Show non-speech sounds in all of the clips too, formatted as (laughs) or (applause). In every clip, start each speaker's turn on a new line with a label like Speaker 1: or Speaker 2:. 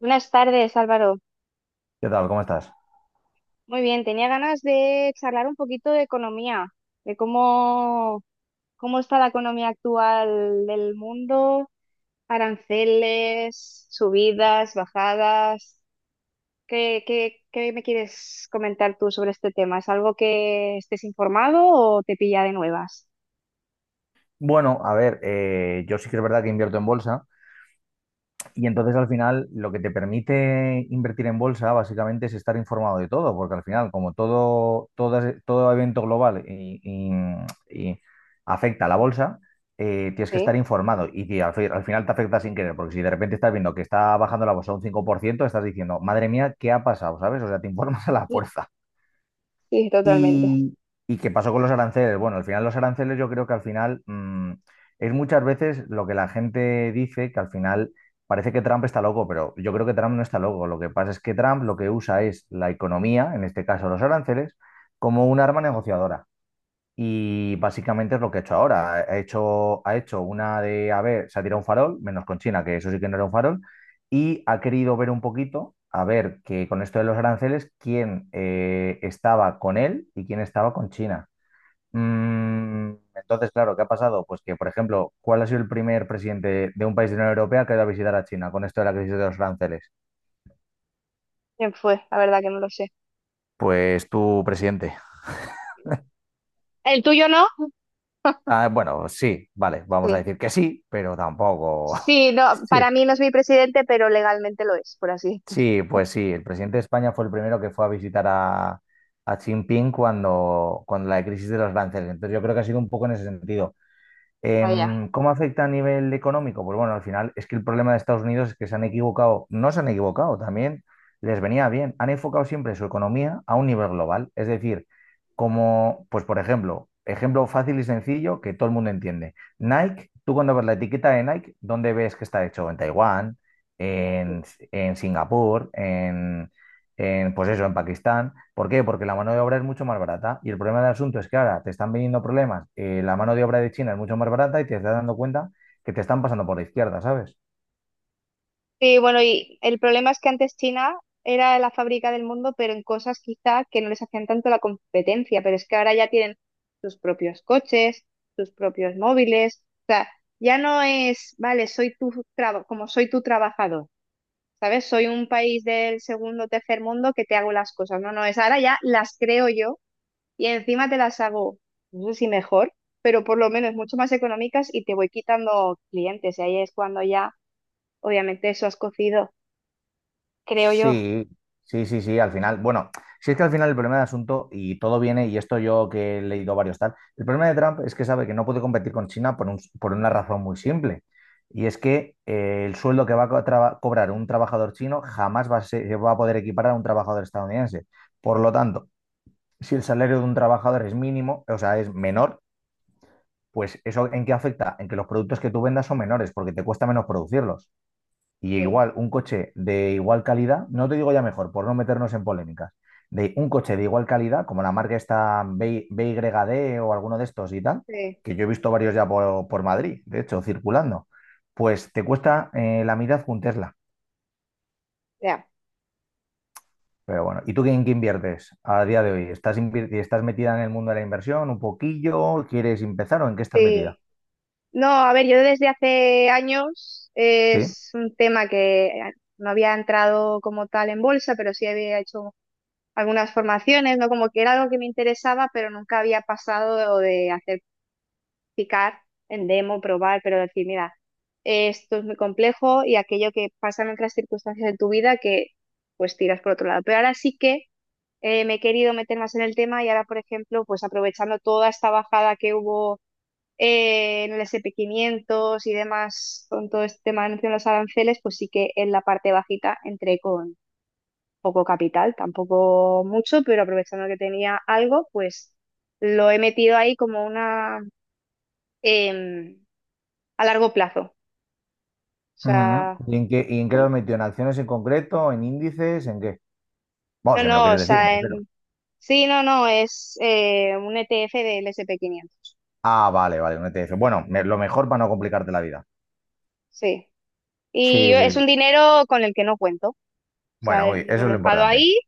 Speaker 1: Buenas tardes, Álvaro.
Speaker 2: ¿Qué tal? ¿Cómo estás?
Speaker 1: Muy bien, tenía ganas de charlar un poquito de economía, de cómo está la economía actual del mundo, aranceles, subidas, bajadas. ¿Qué me quieres comentar tú sobre este tema? ¿Es algo que estés informado o te pilla de nuevas?
Speaker 2: Bueno, a ver, yo sí que es verdad que invierto en bolsa y entonces al final lo que te permite invertir en bolsa básicamente es estar informado de todo, porque al final como todo, todo evento global y afecta a la bolsa, tienes que estar
Speaker 1: Sí,
Speaker 2: informado y que al final te afecta sin querer, porque si de repente estás viendo que está bajando la bolsa un 5% estás diciendo, madre mía, ¿qué ha pasado? ¿Sabes? O sea, te (laughs) informas a la
Speaker 1: sí,
Speaker 2: fuerza.
Speaker 1: sí, totalmente.
Speaker 2: ¿Y, y qué pasó con los aranceles? Bueno, al final los aranceles yo creo que al final es muchas veces lo que la gente dice, que al final parece que Trump está loco, pero yo creo que Trump no está loco. Lo que pasa es que Trump lo que usa es la economía, en este caso los aranceles, como un arma negociadora. Y básicamente es lo que ha hecho ahora. Ha hecho una de, a ver, se ha tirado un farol, menos con China, que eso sí que no era un farol, y ha querido ver un poquito, a ver, que con esto de los aranceles, quién estaba con él y quién estaba con China. Entonces, claro, ¿qué ha pasado? Pues que, por ejemplo, ¿cuál ha sido el primer presidente de un país de la Unión Europea que ha ido a visitar a China con esto de la crisis de los aranceles?
Speaker 1: ¿Quién fue? La verdad que no lo sé.
Speaker 2: Pues tu presidente.
Speaker 1: ¿El tuyo no?
Speaker 2: Ah, bueno, sí, vale, vamos a
Speaker 1: Sí.
Speaker 2: decir que sí, pero tampoco. (laughs)
Speaker 1: Sí, no,
Speaker 2: Sí.
Speaker 1: para mí no es mi presidente, pero legalmente lo es, por así
Speaker 2: Sí,
Speaker 1: decirlo.
Speaker 2: pues sí, el presidente de España fue el primero que fue a visitar a Xi Jinping cuando, cuando la crisis de los aranceles. Entonces yo creo que ha sido un poco en ese sentido.
Speaker 1: Vaya.
Speaker 2: ¿Cómo afecta a nivel económico? Pues bueno, al final es que el problema de Estados Unidos es que se han equivocado, no se han equivocado, también les venía bien, han enfocado siempre su economía a un nivel global, es decir, como, pues por ejemplo, ejemplo fácil y sencillo que todo el mundo entiende. Nike, tú cuando ves la etiqueta de Nike, ¿dónde ves que está hecho? En Taiwán, en, en Singapur, en, pues eso, en Pakistán. ¿Por qué? Porque la mano de obra es mucho más barata. Y el problema del asunto es que ahora te están viniendo problemas, la mano de obra de China es mucho más barata y te estás dando cuenta que te están pasando por la izquierda, ¿sabes?
Speaker 1: Sí, bueno, y el problema es que antes China era la fábrica del mundo, pero en cosas quizá que no les hacían tanto la competencia, pero es que ahora ya tienen sus propios coches, sus propios móviles, o sea, ya no es, vale, soy tu como soy tu trabajador, ¿sabes? Soy un país del segundo o tercer mundo que te hago las cosas, no, no, es ahora ya las creo yo y encima te las hago, no sé si mejor, pero por lo menos mucho más económicas y te voy quitando clientes y ahí es cuando ya, obviamente, eso has cocido creo yo.
Speaker 2: Sí, sí, sí, sí, al final, bueno, si es que al final el problema del asunto, y todo viene, y esto yo que he leído varios tal, el problema de Trump es que sabe que no puede competir con China por, por una razón muy simple. Y es que el sueldo que va a cobrar un trabajador chino jamás va a, va a poder equiparar a un trabajador estadounidense. Por lo tanto, si el salario de un trabajador es mínimo, o sea, es menor, pues eso ¿en qué afecta? En que los productos que tú vendas son menores porque te cuesta menos producirlos. Y
Speaker 1: Sí,
Speaker 2: igual, un coche de igual calidad, no te digo ya mejor, por no meternos en polémicas, de un coche de igual calidad, como la marca esta BYD o alguno de estos y tal,
Speaker 1: sí,
Speaker 2: que yo he visto varios ya por Madrid, de hecho, circulando, pues te cuesta la mitad que un Tesla.
Speaker 1: ya,
Speaker 2: Pero bueno, ¿y tú en qué inviertes a día de hoy? ¿Estás, estás metida en el mundo de la inversión un poquillo? ¿Quieres empezar o en qué estás metida?
Speaker 1: sí. No, a ver, yo desde hace años
Speaker 2: ¿Sí?
Speaker 1: es un tema que no había entrado como tal en bolsa, pero sí había hecho algunas formaciones, ¿no? Como que era algo que me interesaba, pero nunca había pasado de hacer picar en demo, probar, pero decir, mira, esto es muy complejo y aquello que pasan otras circunstancias de tu vida que pues tiras por otro lado. Pero ahora sí que me he querido meter más en el tema y ahora, por ejemplo, pues aprovechando toda esta bajada que hubo en el S&P 500 y demás con todo este tema de anuncio de los aranceles, pues sí que en la parte bajita entré con poco capital, tampoco mucho, pero aprovechando que tenía algo, pues lo he metido ahí como una em, a largo plazo. O
Speaker 2: Ujú.
Speaker 1: sea,
Speaker 2: Y en qué lo has
Speaker 1: como-
Speaker 2: metido? ¿En acciones en concreto? ¿En índices? ¿En qué? Vamos,
Speaker 1: no,
Speaker 2: si me lo
Speaker 1: no, o
Speaker 2: quieres decir, me
Speaker 1: sea,
Speaker 2: refiero.
Speaker 1: sí, no, no, es un ETF del S&P 500.
Speaker 2: Ah, vale, vale, un ETF. Bueno, lo mejor para no complicarte la vida.
Speaker 1: Sí.
Speaker 2: Sí, sí,
Speaker 1: Es
Speaker 2: sí.
Speaker 1: un dinero con el que no cuento. O
Speaker 2: Bueno,
Speaker 1: sea, yo lo
Speaker 2: eso
Speaker 1: he
Speaker 2: es lo
Speaker 1: dejado
Speaker 2: importante.
Speaker 1: ahí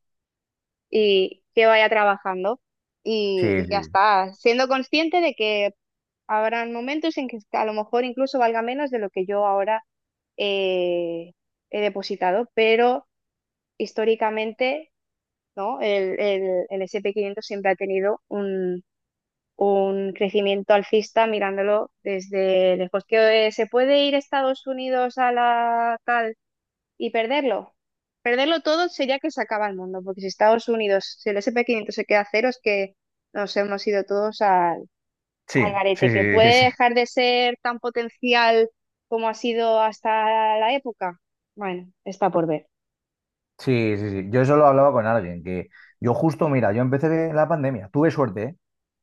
Speaker 1: y que vaya trabajando.
Speaker 2: Sí,
Speaker 1: Y ya
Speaker 2: sí.
Speaker 1: está, siendo consciente de que habrán momentos en que a lo mejor incluso valga menos de lo que yo ahora eh, he depositado, pero históricamente, ¿no? El S&P 500 siempre ha tenido un crecimiento alcista mirándolo desde lejos. ¿Que se puede ir Estados Unidos a la tal? Y perderlo. Perderlo todo sería que se acaba el mundo, porque si Estados Unidos, si el S&P 500 se queda a cero, es que nos hemos ido todos al,
Speaker 2: Sí,
Speaker 1: al garete,
Speaker 2: sí,
Speaker 1: que
Speaker 2: sí, sí,
Speaker 1: puede
Speaker 2: sí.
Speaker 1: dejar de ser tan potencial como ha sido hasta la época. Bueno, está por ver.
Speaker 2: Sí, sí, sí. Yo eso lo hablaba con alguien, que yo justo, mira, yo empecé en la pandemia, tuve suerte, ¿eh?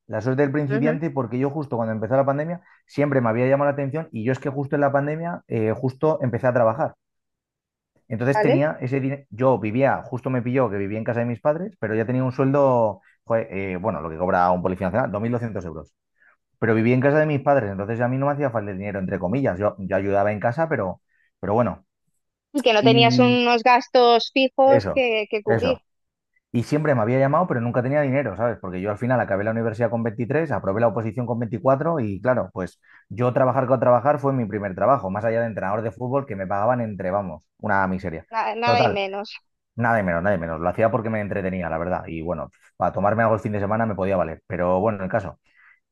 Speaker 2: La suerte del
Speaker 1: Ujú.
Speaker 2: principiante, porque yo justo cuando empezó la pandemia siempre me había llamado la atención y yo es que justo en la pandemia justo empecé a trabajar. Entonces
Speaker 1: ¿Vale?
Speaker 2: tenía ese dinero, yo vivía, justo me pilló que vivía en casa de mis padres, pero ya tenía un sueldo, joder, bueno, lo que cobra un policía nacional, 2.200 euros. Pero vivía en casa de mis padres, entonces a mí no me hacía falta el dinero, entre comillas. Yo ayudaba en casa, pero bueno.
Speaker 1: Y que no tenías
Speaker 2: Y
Speaker 1: unos gastos fijos
Speaker 2: eso,
Speaker 1: que cubrir,
Speaker 2: eso. Y siempre me había llamado, pero nunca tenía dinero, ¿sabes? Porque yo al final acabé la universidad con 23, aprobé la oposición con 24 y claro, pues yo trabajar con trabajar fue mi primer trabajo, más allá de entrenador de fútbol que me pagaban entre, vamos, una miseria.
Speaker 1: nada y
Speaker 2: Total,
Speaker 1: menos.
Speaker 2: nada de menos, nada de menos. Lo hacía porque me entretenía, la verdad. Y bueno, para tomarme algo el fin de semana me podía valer. Pero bueno, el caso,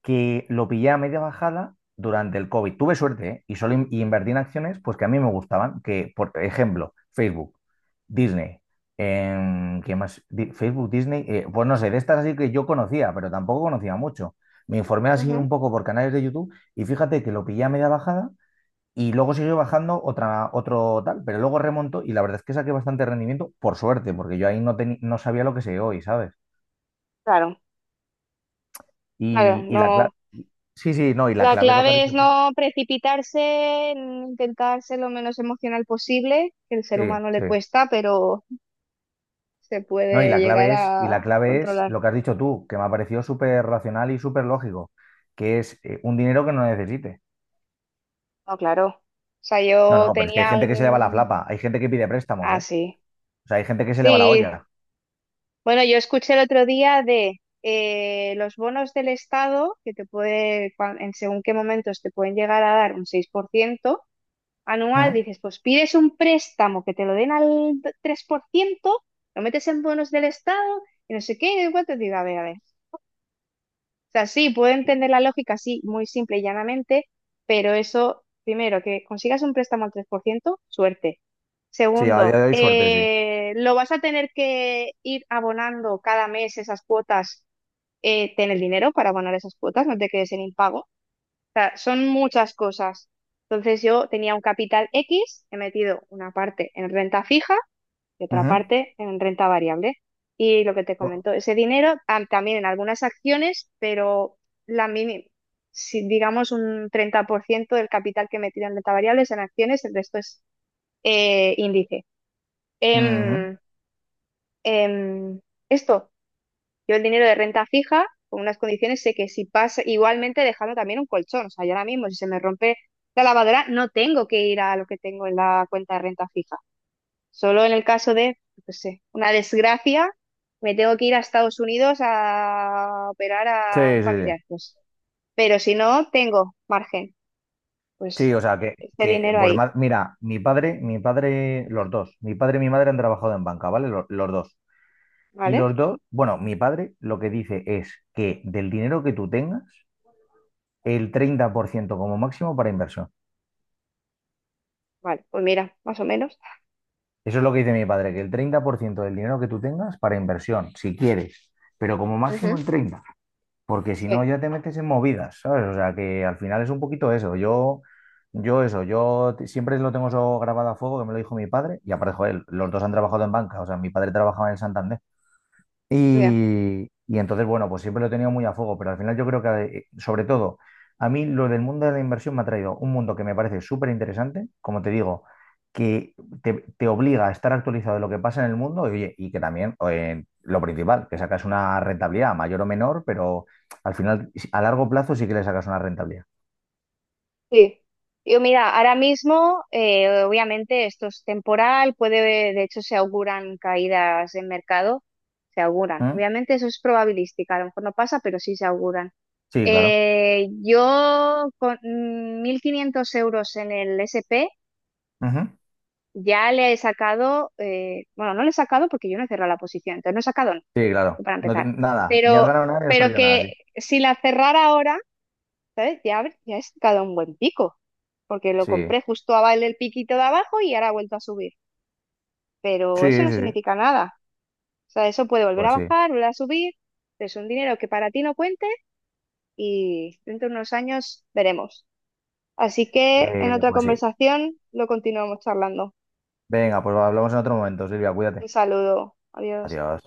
Speaker 2: que lo pillé a media bajada durante el COVID. Tuve suerte, ¿eh? Y solo invertí en acciones pues que a mí me gustaban, que por ejemplo, Facebook, Disney, ¿qué más? Facebook, Disney, pues no sé, de estas así que yo conocía, pero tampoco conocía mucho. Me informé así
Speaker 1: Ujú.
Speaker 2: un poco por canales de YouTube y fíjate que lo pillé a media bajada y luego siguió bajando otra, otro tal, pero luego remontó y la verdad es que saqué bastante rendimiento por suerte, porque yo ahí no, no sabía lo que sé hoy, ¿sabes?
Speaker 1: Claro, claro,
Speaker 2: Y la clave...
Speaker 1: no.
Speaker 2: Sí, sí, no, y la
Speaker 1: La
Speaker 2: clave es lo que has
Speaker 1: clave es
Speaker 2: dicho tú.
Speaker 1: no precipitarse, en intentar ser lo menos emocional posible, que el ser
Speaker 2: Sí,
Speaker 1: humano le
Speaker 2: sí.
Speaker 1: cuesta, pero se
Speaker 2: No, y
Speaker 1: puede
Speaker 2: la
Speaker 1: llegar
Speaker 2: clave es, y
Speaker 1: a
Speaker 2: la clave es
Speaker 1: controlar.
Speaker 2: lo que has dicho tú, que me ha parecido súper racional y súper lógico, que es un dinero que no necesite.
Speaker 1: No, claro. O sea,
Speaker 2: No,
Speaker 1: yo
Speaker 2: no, pero es que hay
Speaker 1: tenía
Speaker 2: gente que se le va la
Speaker 1: un.
Speaker 2: flapa, hay gente que pide préstamos,
Speaker 1: Ah,
Speaker 2: ¿eh?
Speaker 1: sí.
Speaker 2: O sea, hay gente que se le va la
Speaker 1: Sí.
Speaker 2: olla.
Speaker 1: Bueno, yo escuché el otro día de los bonos del Estado, que te puede, en según qué momentos te pueden llegar a dar un 6% anual,
Speaker 2: Ujú.
Speaker 1: dices, pues pides un préstamo que te lo den al 3%, lo metes en bonos del Estado y no sé qué, y no cuánto, digo, a ver, a ver. O sea, sí, puedo entender la lógica así, muy simple y llanamente, pero eso, primero, que consigas un préstamo al 3%, suerte.
Speaker 2: Sí, a día de
Speaker 1: Segundo,
Speaker 2: hoy suerte, sí.
Speaker 1: lo vas a tener que ir abonando cada mes esas cuotas, ten el dinero para abonar esas cuotas, no te quedes en impago sea, son muchas cosas. Entonces yo tenía un capital X, he metido una parte en renta fija y otra
Speaker 2: Ujú.
Speaker 1: parte en renta variable. Y lo que te
Speaker 2: Bu-
Speaker 1: comento, ese dinero también en algunas acciones, pero la mini- si digamos un 30% del capital que he metido en renta variable es en acciones, el resto es índice.
Speaker 2: ujú.
Speaker 1: Em, em, esto yo el dinero de renta fija, con unas condiciones, sé que si pasa, igualmente dejando también un colchón. O sea, yo ahora mismo, si se me rompe la lavadora, no tengo que ir a lo que tengo en la cuenta de renta fija. Solo en el caso de, no sé, una desgracia, me tengo que ir a Estados Unidos a operar
Speaker 2: Sí,
Speaker 1: a un
Speaker 2: sí, sí.
Speaker 1: familiar. Pues. Pero si no, tengo margen.
Speaker 2: Sí,
Speaker 1: Pues
Speaker 2: o sea,
Speaker 1: este
Speaker 2: que,
Speaker 1: dinero
Speaker 2: pues
Speaker 1: ahí,
Speaker 2: mira, mi padre, los dos, mi padre y mi madre han trabajado en banca, ¿vale? Los dos. Y
Speaker 1: ¿vale?
Speaker 2: los dos, bueno, mi padre lo que dice es que del dinero que tú tengas, el 30% como máximo para inversión.
Speaker 1: Vale, pues mira, más o menos.
Speaker 2: Eso es lo que dice mi padre, que el 30% del dinero que tú tengas para inversión, si quieres, pero como máximo
Speaker 1: Ujú.
Speaker 2: el 30%, porque si no
Speaker 1: Sí,
Speaker 2: ya te metes en movidas, ¿sabes? O sea, que al final es un poquito eso. Yo eso, siempre lo tengo eso grabado a fuego, que me lo dijo mi padre, y aparte, joder, los dos han trabajado en banca, o sea, mi padre trabajaba en el Santander.
Speaker 1: ya.
Speaker 2: Y entonces, bueno, pues siempre lo he tenido muy a fuego, pero al final yo creo que, sobre todo, a mí lo del mundo de la inversión me ha traído un mundo que me parece súper interesante, como te digo, que te obliga a estar actualizado de lo que pasa en el mundo y, oye, y que también, lo principal, que sacas una rentabilidad mayor o menor, pero al final, si, a largo plazo sí que le sacas una rentabilidad.
Speaker 1: Sí, yo mira, ahora mismo obviamente esto es temporal, puede, de hecho se auguran caídas en mercado, se auguran.
Speaker 2: ¿Mm?
Speaker 1: Obviamente eso es probabilística, a lo mejor no pasa, pero sí se auguran.
Speaker 2: Sí, claro.
Speaker 1: Yo con 1.500 euros en el SP
Speaker 2: Ujú.
Speaker 1: ya le he sacado, bueno, no le he sacado porque yo no he cerrado la posición, entonces no he sacado, no,
Speaker 2: Sí, claro.
Speaker 1: para empezar,
Speaker 2: Nada, ni has
Speaker 1: pero,
Speaker 2: ganado nada ni has
Speaker 1: pero
Speaker 2: perdido nada,
Speaker 1: que
Speaker 2: sí.
Speaker 1: si la cerrara ahora, ¿sabes? Ya, ya he sacado un buen pico, porque lo
Speaker 2: Sí,
Speaker 1: compré justo abajo el piquito de abajo y ahora ha vuelto a subir. Pero eso
Speaker 2: sí, sí,
Speaker 1: no
Speaker 2: sí.
Speaker 1: significa nada. O sea, eso puede volver a
Speaker 2: Pues sí.
Speaker 1: bajar, volver a subir. Es un dinero que para ti no cuente y dentro de unos años veremos. Así que en otra
Speaker 2: Pues sí.
Speaker 1: conversación lo continuamos charlando.
Speaker 2: Venga, pues hablamos en otro momento, Silvia,
Speaker 1: Un
Speaker 2: cuídate.
Speaker 1: saludo. Adiós.
Speaker 2: Adiós.